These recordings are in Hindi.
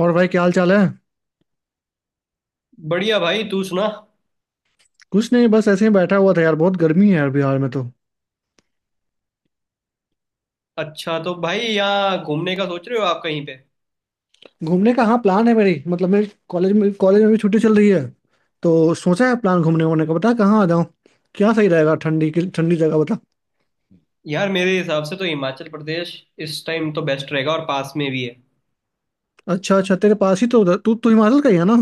और भाई क्या हाल चाल है। बढ़िया भाई। तू सुना। कुछ नहीं, बस ऐसे ही बैठा हुआ था यार, बहुत गर्मी है यार बिहार में तो। अच्छा, तो भाई यहाँ घूमने का सोच रहे हो आप कहीं पे। घूमने का हाँ प्लान है मेरी, मतलब मेरे कॉलेज में, कॉलेज में भी छुट्टी चल रही है तो सोचा है प्लान घूमने वूमने का। बता कहाँ आ जाऊँ, क्या सही रहेगा। ठंडी की ठंडी जगह बता। यार मेरे हिसाब से तो हिमाचल प्रदेश इस टाइम तो बेस्ट रहेगा और पास में भी है। अच्छा अच्छा, तेरे पास ही तो उधर- तू तू हिमाचल का ही है ना।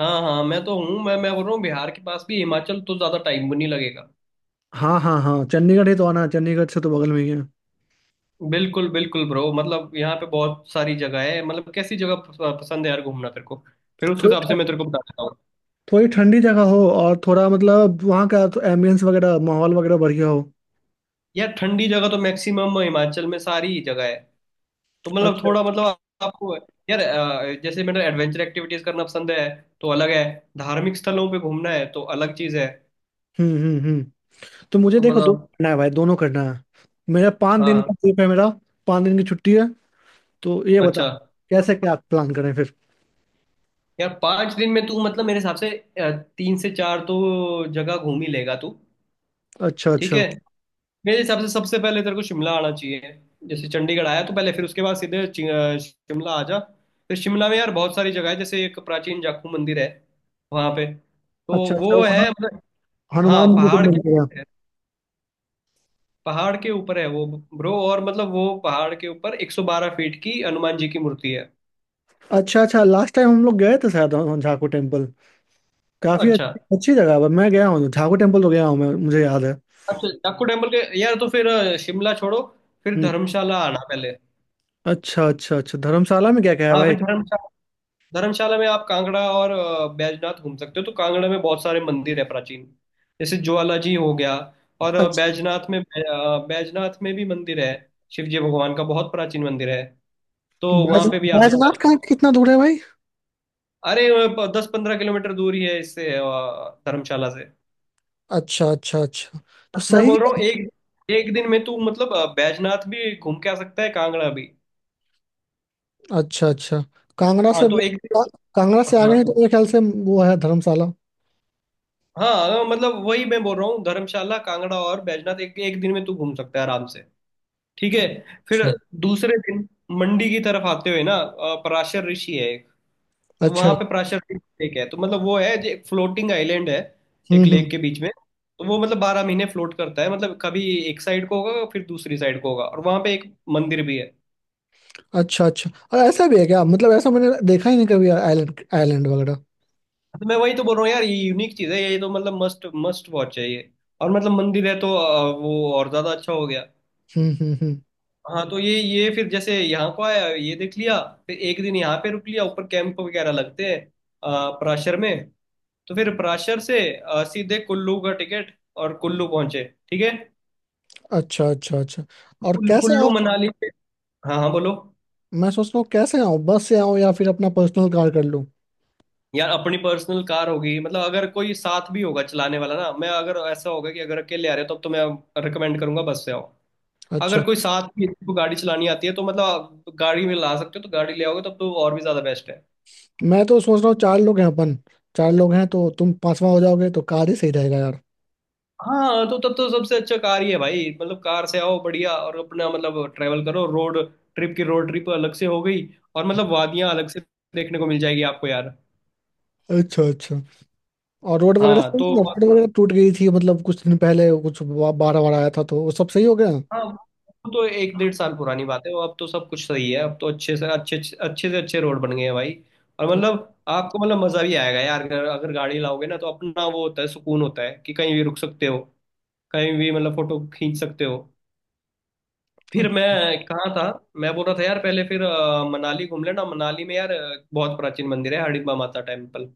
हाँ हाँ, मैं तो हूँ। मैं बोल रहा हूँ बिहार के पास भी हिमाचल, तो ज़्यादा टाइम भी नहीं लगेगा। हाँ हाँ हाँ, चंडीगढ़ ही तो आना है, चंडीगढ़ से तो बगल में ही है। बिल्कुल बिल्कुल ब्रो, मतलब यहाँ पे बहुत सारी जगह है। मतलब कैसी जगह पसंद है यार घूमना तेरे को। फिर उस थोड़ी हिसाब से ठ- मैं तेरे को बता देता हूँ। थोड़ी ठंडी जगह हो, और थोड़ा मतलब वहाँ का तो एम्बियंस वगैरह, माहौल वगैरह बढ़िया हो। यार ठंडी जगह तो मैक्सिमम हिमाचल में सारी ही जगह है। तो मतलब अच्छा। थोड़ा मतलब आपको यार, जैसे मैंने एडवेंचर एक्टिविटीज करना पसंद है तो अलग है। धार्मिक स्थलों पे घूमना है तो अलग चीज है। हम्म। तो मुझे तो देखो दोनों मतलब करना है भाई, दोनों करना है। मेरा पाँच दिन हाँ का ट्रिप है मेरा, 5 दिन की छुट्टी है। तो ये बताओ अच्छा। कैसे क्या प्लान करें फिर। यार 5 दिन में तू मतलब मेरे हिसाब से अ, तीन से चार तो जगह घूम ही लेगा तू। अच्छा ठीक अच्छा है। मेरे हिसाब से सबसे पहले तेरे को शिमला आना चाहिए। जैसे चंडीगढ़ आया तो पहले, फिर उसके बाद सीधे शिमला आ जा। फिर शिमला में यार बहुत सारी जगह है। जैसे एक प्राचीन जाखू मंदिर है। वहां पे अच्छा। तो अच्छा वो वो ना, है मतलब। हाँ, हनुमान जी को पहाड़ के मिल गया। पहाड़ के ऊपर है वो ब्रो। और मतलब वो पहाड़ के ऊपर 112 फीट की हनुमान जी की मूर्ति है। अच्छा अच्छा, लास्ट टाइम हम लोग गए थे शायद वहाँ झाकू टेम्पल, काफी अच्छा अच्छी अच्छी जगह है। मैं गया हूँ झाकू टेम्पल, तो गया हूँ मैं, मुझे याद है। अच्छा, डाकू टेम्पल के यार, तो फिर शिमला छोड़ो। फिर हम्म। धर्मशाला आना पहले। अच्छा अच्छा अच्छा, धर्मशाला में क्या क्या है हाँ, भाई। फिर धर्मशाला। धर्मशाला में आप कांगड़ा और बैजनाथ घूम सकते हो। तो कांगड़ा में बहुत सारे मंदिर है प्राचीन, जैसे ज्वाला जी हो गया। और अच्छा। बैजनाथ में भी मंदिर है। शिव जी भगवान का बहुत प्राचीन मंदिर है। तो वहां बैज- पे भी आ सकते बैजनाथ हैं। का कितना दूर है भाई। अरे, 10-15 किलोमीटर दूर ही है इससे, धर्मशाला से। अच्छा अच्छा अच्छा, तो मैं सही। बोल रहा हूँ एक एक दिन में तू मतलब बैजनाथ भी घूम के आ सकता है, कांगड़ा भी। अच्छा अच्छा, कांगड़ा हाँ से तो एक दिन। का, कांगड़ा से हाँ आगे है तो मेरे ख्याल से वो है धर्मशाला। हाँ, मतलब वही मैं बोल रहा हूँ। धर्मशाला, कांगड़ा और बैजनाथ एक एक दिन में तू घूम सकता है आराम से। ठीक है। फिर अच्छा दूसरे दिन मंडी की तरफ आते हुए ना, पराशर ऋषि है एक। तो अच्छा। वहां पे पराशर ऋषि लेक है। तो मतलब वो है, जो एक फ्लोटिंग आइलैंड है, एक लेक हम्म। के बीच में। तो वो मतलब बारह महीने फ्लोट करता है, मतलब कभी एक साइड को होगा, फिर दूसरी साइड को होगा। और वहां पे एक मंदिर भी है। अच्छा अच्छा, और ऐसा भी है क्या? मतलब ऐसा मैंने देखा ही नहीं कभी, आइलैंड आइलैंड वगैरह। तो मैं वही तो बोल रहा हूँ यार, ये यूनिक चीज है ये, तो मतलब मस्ट मस्ट वॉच है ये। और मतलब मंदिर है तो वो और ज्यादा अच्छा हो गया। हम्म। हाँ तो ये फिर जैसे यहाँ को आया ये देख लिया। फिर एक दिन यहाँ पे रुक लिया, ऊपर कैंप वगैरह लगते हैं पराशर में। तो फिर पराशर से सीधे कुल्लू का टिकट और कुल्लू पहुंचे। ठीक है। अच्छा अच्छा अच्छा, और कैसे आऊँ? कुल्लू मनाली से। हाँ हाँ, बोलो। मैं सोच रहा हूँ कैसे आऊँ, बस से आऊँ या फिर अपना पर्सनल कार कर लूँ? यार अपनी पर्सनल कार होगी मतलब अगर कोई साथ भी होगा चलाने वाला ना, मैं अगर ऐसा होगा कि अगर अकेले आ रहे हो, तब तो मैं रिकमेंड करूंगा, बस से आओ। अगर अच्छा। कोई साथ में किसी को गाड़ी चलानी आती है, तो मतलब आप गाड़ी में ला सकते हो, तो गाड़ी ले आओगे तब तो और भी ज्यादा बेस्ट है। मैं तो सोच रहा हूँ 4 लोग हैं अपन, 4 लोग हैं तो तुम 5वां हो जाओगे तो कार ही सही रहेगा यार। हाँ तो तब तो सबसे अच्छा कार ही है भाई। मतलब कार से आओ बढ़िया, और अपना मतलब ट्रैवल करो रोड ट्रिप की। रोड ट्रिप अलग से हो गई और मतलब वादियां अलग से देखने को मिल जाएगी आपको यार। अच्छा अच्छा, और रोड वगैरह हाँ सही तो है? रोड वगैरह टूट गई थी मतलब कुछ दिन पहले, कुछ बाढ़ वार आया था तो वो सब सही हो गया? हाँ, वो तो एक डेढ़ साल पुरानी बात है। वो अब तो सब कुछ सही है। अब तो अच्छे से अच्छे रोड बन गए हैं भाई। और अच्छा मतलब आपको मतलब मजा भी आएगा यार, अगर अगर गाड़ी लाओगे ना, तो अपना वो होता है, सुकून होता है कि कहीं भी रुक सकते हो, कहीं भी मतलब फोटो खींच सकते हो। फिर मैं कहाँ था। मैं बोल रहा था यार पहले, फिर मनाली घूम लेना। मनाली में यार बहुत प्राचीन मंदिर है हडिम्बा माता टेम्पल।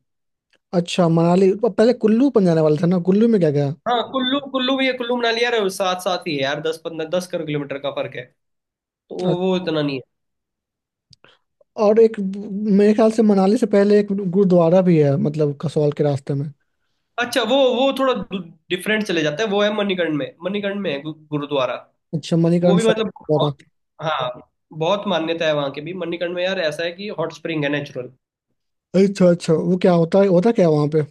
अच्छा, मनाली, अब पहले कुल्लू पर जाने वाले थे ना, कुल्लू में क्या गया? हाँ, कुल्लू, कुल्लू भी है। कुल्लू मनाली यार साथ साथ ही है यार, दस पंद्रह दस कर किलोमीटर का फर्क है। तो वो अ- वो इतना नहीं है। और एक मेरे ख्याल से मनाली से पहले एक गुरुद्वारा भी है मतलब कसौल के रास्ते में। अच्छा, वो थोड़ा डिफरेंट चले जाता है। वो है मणिकर्ण में। मणिकर्ण में है गुरुद्वारा। अच्छा वो मणिकरण भी साहिब मतलब बहुत। गुरुद्वारा। हाँ, बहुत मान्यता है वहाँ की भी। मणिकर्ण में यार ऐसा है कि हॉट स्प्रिंग है नेचुरल। अच्छा अच्छा, वो क्या होता है, होता क्या है वहाँ पे?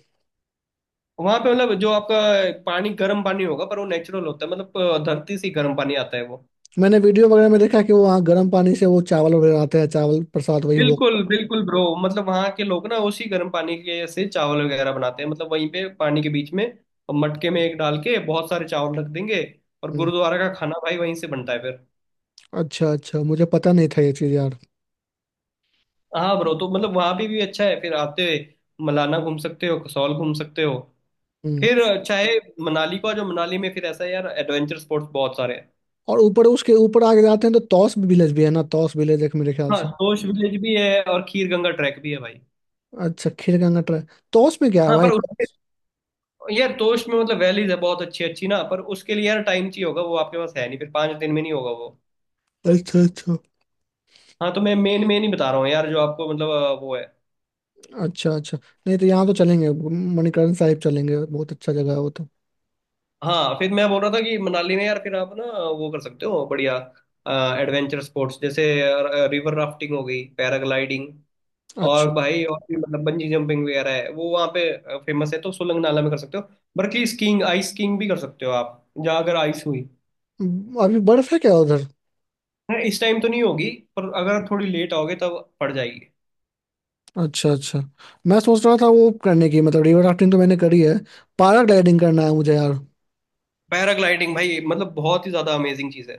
वहां पे मतलब जो आपका पानी, गर्म पानी होगा, पर वो नेचुरल होता है। मतलब धरती से ही गर्म पानी आता है वो। मैंने वीडियो वगैरह में देखा है कि वो वहाँ गर्म पानी से वो चावल वगैरह आते हैं, चावल प्रसाद वही वो। बिल्कुल बिल्कुल ब्रो, मतलब वहां के लोग ना उसी गर्म पानी के से चावल वगैरह बनाते हैं। मतलब वहीं पे पानी के बीच में मटके में एक डाल के बहुत सारे चावल रख देंगे। और हम्म, गुरुद्वारा का खाना भाई वहीं से बनता है फिर। अच्छा अच्छा, मुझे पता नहीं था ये चीज़ यार। हाँ ब्रो, तो मतलब वहां भी अच्छा है। फिर आते मलाना घूम सकते हो, कसौल घूम सकते हो। हम्म। फिर चाहे मनाली को आ जाओ। मनाली में फिर ऐसा है यार, एडवेंचर स्पोर्ट्स बहुत सारे हैं। और ऊपर, उसके ऊपर आगे जाते हैं तो तौस विलेज भी है ना, तौस विलेज, एक मेरे ख्याल हाँ, से। तोश विलेज भी है और खीर गंगा ट्रैक भी है भाई। अच्छा खीरगंगा ट्राई। तौस में क्या है हाँ पर भाई, उस तौस। यार टोस्ट में मतलब वैलीज है बहुत अच्छी अच्छी ना। पर उसके लिए यार टाइम चाहिए होगा, वो आपके पास है नहीं, फिर 5 दिन में नहीं होगा वो। अच्छा अच्छा हाँ तो मैं मेन मेन ही बता रहा हूँ यार जो आपको मतलब वो है। अच्छा। अच्छा नहीं तो यहाँ तो चलेंगे, मणिकरण साहिब चलेंगे, बहुत अच्छा जगह है वो तो। हाँ फिर मैं बोल रहा था कि मनाली में यार, फिर आप ना वो कर सकते हो बढ़िया एडवेंचर स्पोर्ट्स, जैसे रिवर राफ्टिंग हो गई, पैराग्लाइडिंग। और अच्छा, भाई और भी मतलब बंजी जंपिंग वगैरह है, वो वहाँ पे फेमस है, तो सोलंग नाला में कर सकते हो। बल्कि स्कीइंग, आइस स्कीइंग भी कर सकते हो आप, जहाँ अगर आइस हुई। अभी बर्फ है क्या उधर? हाँ, इस टाइम तो नहीं होगी। पर अगर थोड़ी लेट आओगे तब पड़ जाएगी। अच्छा अच्छा, मैं सोच रहा था वो करने की, मतलब रिवर राफ्टिंग तो मैंने करी है, पैराग्लाइडिंग करना है मुझे यार। पैराग्लाइडिंग भाई मतलब बहुत ही ज्यादा अमेजिंग चीज है।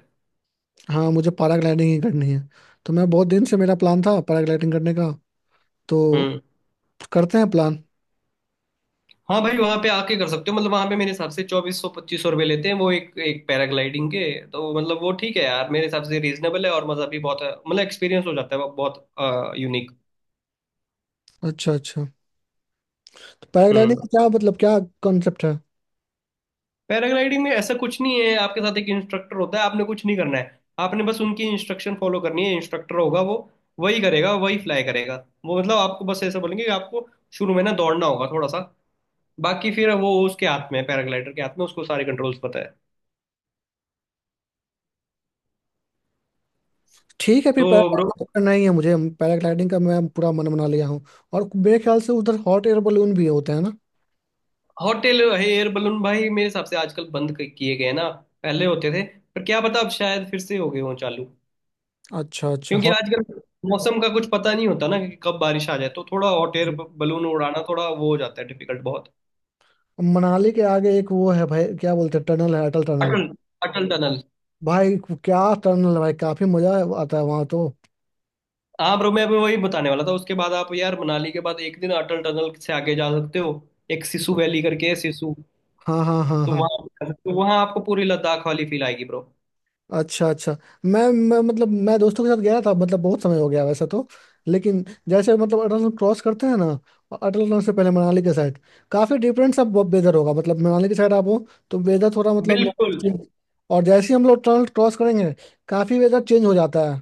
हाँ मुझे पैराग्लाइडिंग ही करनी है, तो मैं बहुत दिन से, मेरा प्लान था पैराग्लाइडिंग करने का तो। हम्म। करते हैं प्लान। हाँ भाई, वहां पे आके कर सकते हो। मतलब वहां पे मेरे हिसाब से 2400-2500 रुपये लेते हैं वो, एक एक पैराग्लाइडिंग के। तो मतलब वो ठीक है यार, मेरे हिसाब से रीजनेबल है और मजा भी बहुत है। मतलब एक्सपीरियंस हो जाता है वो बहुत यूनिक। अच्छा अच्छा, पैराग्लाइडिंग हम्म। का क्या मतलब, क्या कॉन्सेप्ट है? पैराग्लाइडिंग में ऐसा कुछ नहीं है। आपके साथ एक इंस्ट्रक्टर होता है। आपने कुछ नहीं करना है, आपने बस उनकी इंस्ट्रक्शन फॉलो करनी है। इंस्ट्रक्टर होगा वो, वही करेगा, वही फ्लाई करेगा। वो मतलब आपको बस ऐसा बोलेंगे कि आपको शुरू में ना दौड़ना होगा थोड़ा सा। बाकी फिर वो उसके हाथ में है, पैराग्लाइडर के हाथ में, उसको सारे कंट्रोल्स पता है। ठीक है, फिर तो ब्रो, पैराग्लाइडिंग करना ही है मुझे, पैराग्लाइडिंग का मैं पूरा मन बना लिया हूँ। और मेरे ख्याल से उधर हॉट एयर बलून भी होते हैं ना? होटल एयर बलून भाई मेरे हिसाब से आजकल बंद किए गए हैं ना। पहले होते थे, पर क्या पता अब शायद फिर से हो गए हों चालू। अच्छा अच्छा क्योंकि हॉट। आजकल मौसम का कुछ पता नहीं होता ना कि कब बारिश आ जाए, तो थोड़ा हॉट एयर बलून उड़ाना थोड़ा वो हो जाता है डिफिकल्ट बहुत। मनाली के आगे एक वो है भाई, क्या बोलते हैं, टनल है अटल टनल अटल अटल टनल। भाई। क्या टनल है भाई, काफी मजा आता है वहां तो। हाँ ब्रो, मैं भी वही बताने वाला था। उसके बाद आप यार मनाली के बाद एक दिन अटल टनल से आगे जा सकते हो। एक सिसु वैली करके है, सिसु। हाँ हाँ हाँ तो हाँ। वहाँ तो वहाँ आपको पूरी लद्दाख वाली फील आएगी ब्रो। अच्छा अच्छा, मैं मतलब मैं दोस्तों के साथ गया था, मतलब बहुत समय हो गया वैसे तो, लेकिन जैसे मतलब अटल टनल क्रॉस करते हैं ना, अटल टनल से पहले मनाली के साइड काफी डिफरेंट सा वेदर होगा। मतलब मनाली के साइड आप हो तो वेदर थोड़ा मतलब normal बिल्कुल। चेंज, और जैसे ही हम लोग टनल क्रॉस करेंगे काफी वेदर चेंज हो जाता है,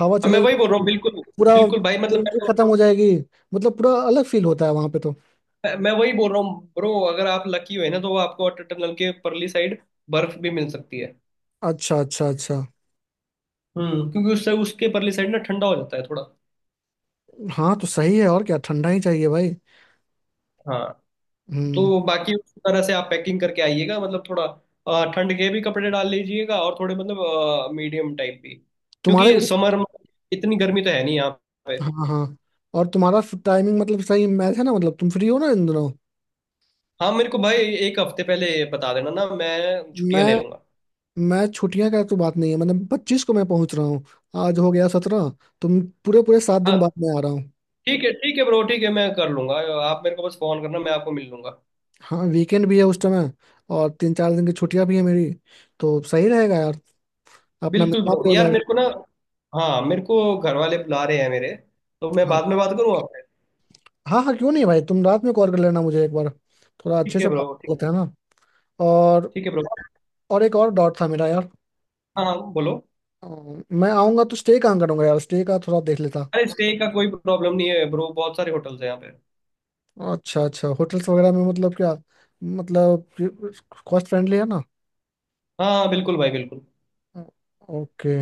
हवा हाँ, चलने मैं वही बोल रहा लगती हूँ है, बिल्कुल। पूरा बिल्कुल भाई, मतलब मैं winter तो। खत्म हो जाएगी, मतलब पूरा अलग फील होता है वहां पे तो। मैं वही बोल रहा हूँ ब्रो। अगर आप लकी हुए ना तो आपको अटल टनल के परली साइड बर्फ भी मिल सकती है। अच्छा अच्छा अच्छा, हम्म। क्योंकि उससे, उसके परली साइड ना ठंडा हो जाता है थोड़ा। हाँ तो सही है, और क्या, ठंडा ही चाहिए भाई। हाँ हम्म। तो बाकी उस तरह से आप पैकिंग करके आइएगा। मतलब थोड़ा ठंड के भी कपड़े डाल लीजिएगा, और थोड़े मतलब मीडियम टाइप भी, तुम्हारे, क्योंकि समर में इतनी गर्मी तो है नहीं यहाँ पे। हाँ हाँ, और तुम्हारा टाइमिंग मतलब सही मैच है ना, मतलब तुम फ्री हो ना इन दिनों? हाँ मेरे को भाई एक हफ्ते पहले बता देना ना, मैं छुट्टियाँ मैं ले लूंगा। मैं छुट्टियां का तो बात नहीं है, मतलब 25 को मैं पहुंच रहा हूँ, आज हो गया 17, तुम पूरे पूरे 7 दिन बाद हाँ, मैं आ रहा हूँ। ठीक है ब्रो, ठीक है मैं कर लूंगा। आप मेरे को बस फोन करना, मैं आपको मिल लूंगा। हाँ वीकेंड भी है उस समय, और 3-4 दिन की छुट्टियां भी है मेरी, तो सही रहेगा यार, अपना बिल्कुल मिलना ब्रो, भी हो यार मेरे जाएगा। को ना, हाँ मेरे को घर वाले बुला रहे हैं मेरे। तो मैं हाँ बाद में बात करूँ आपसे। हाँ हाँ, क्यों नहीं भाई, तुम रात में कॉल कर लेना मुझे एक बार, थोड़ा अच्छे ठीक है से बात ब्रो, ठीक। होता है ना। और ठीक है ब्रो। और एक और डॉट था मेरा यार। हाँ हाँ, बोलो। अ, मैं आऊँगा तो स्टे कहाँ करूँगा यार, स्टे का थोड़ा देख लेता। अरे, स्टे का कोई प्रॉब्लम नहीं है ब्रो, बहुत सारे होटल्स हैं यहाँ पे। अच्छा अच्छा, होटल्स वगैरह में मतलब क्या, मतलब कॉस्ट फ्रेंडली है ना? हाँ हाँ, बिल्कुल भाई बिल्कुल। ओके,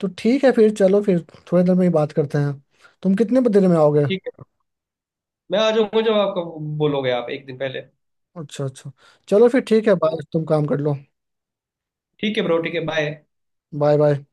तो ठीक है, फिर चलो फिर थोड़ी देर में ही बात करते हैं। तुम कितने देर में आओगे? ठीक है, मैं आ जाऊंगा जब आपको बोलोगे आप, एक दिन पहले। अच्छा अच्छा, चलो फिर ठीक है, बाय, तुम काम कर लो। ठीक है ब्रो, ठीक है बाय। Bye bye.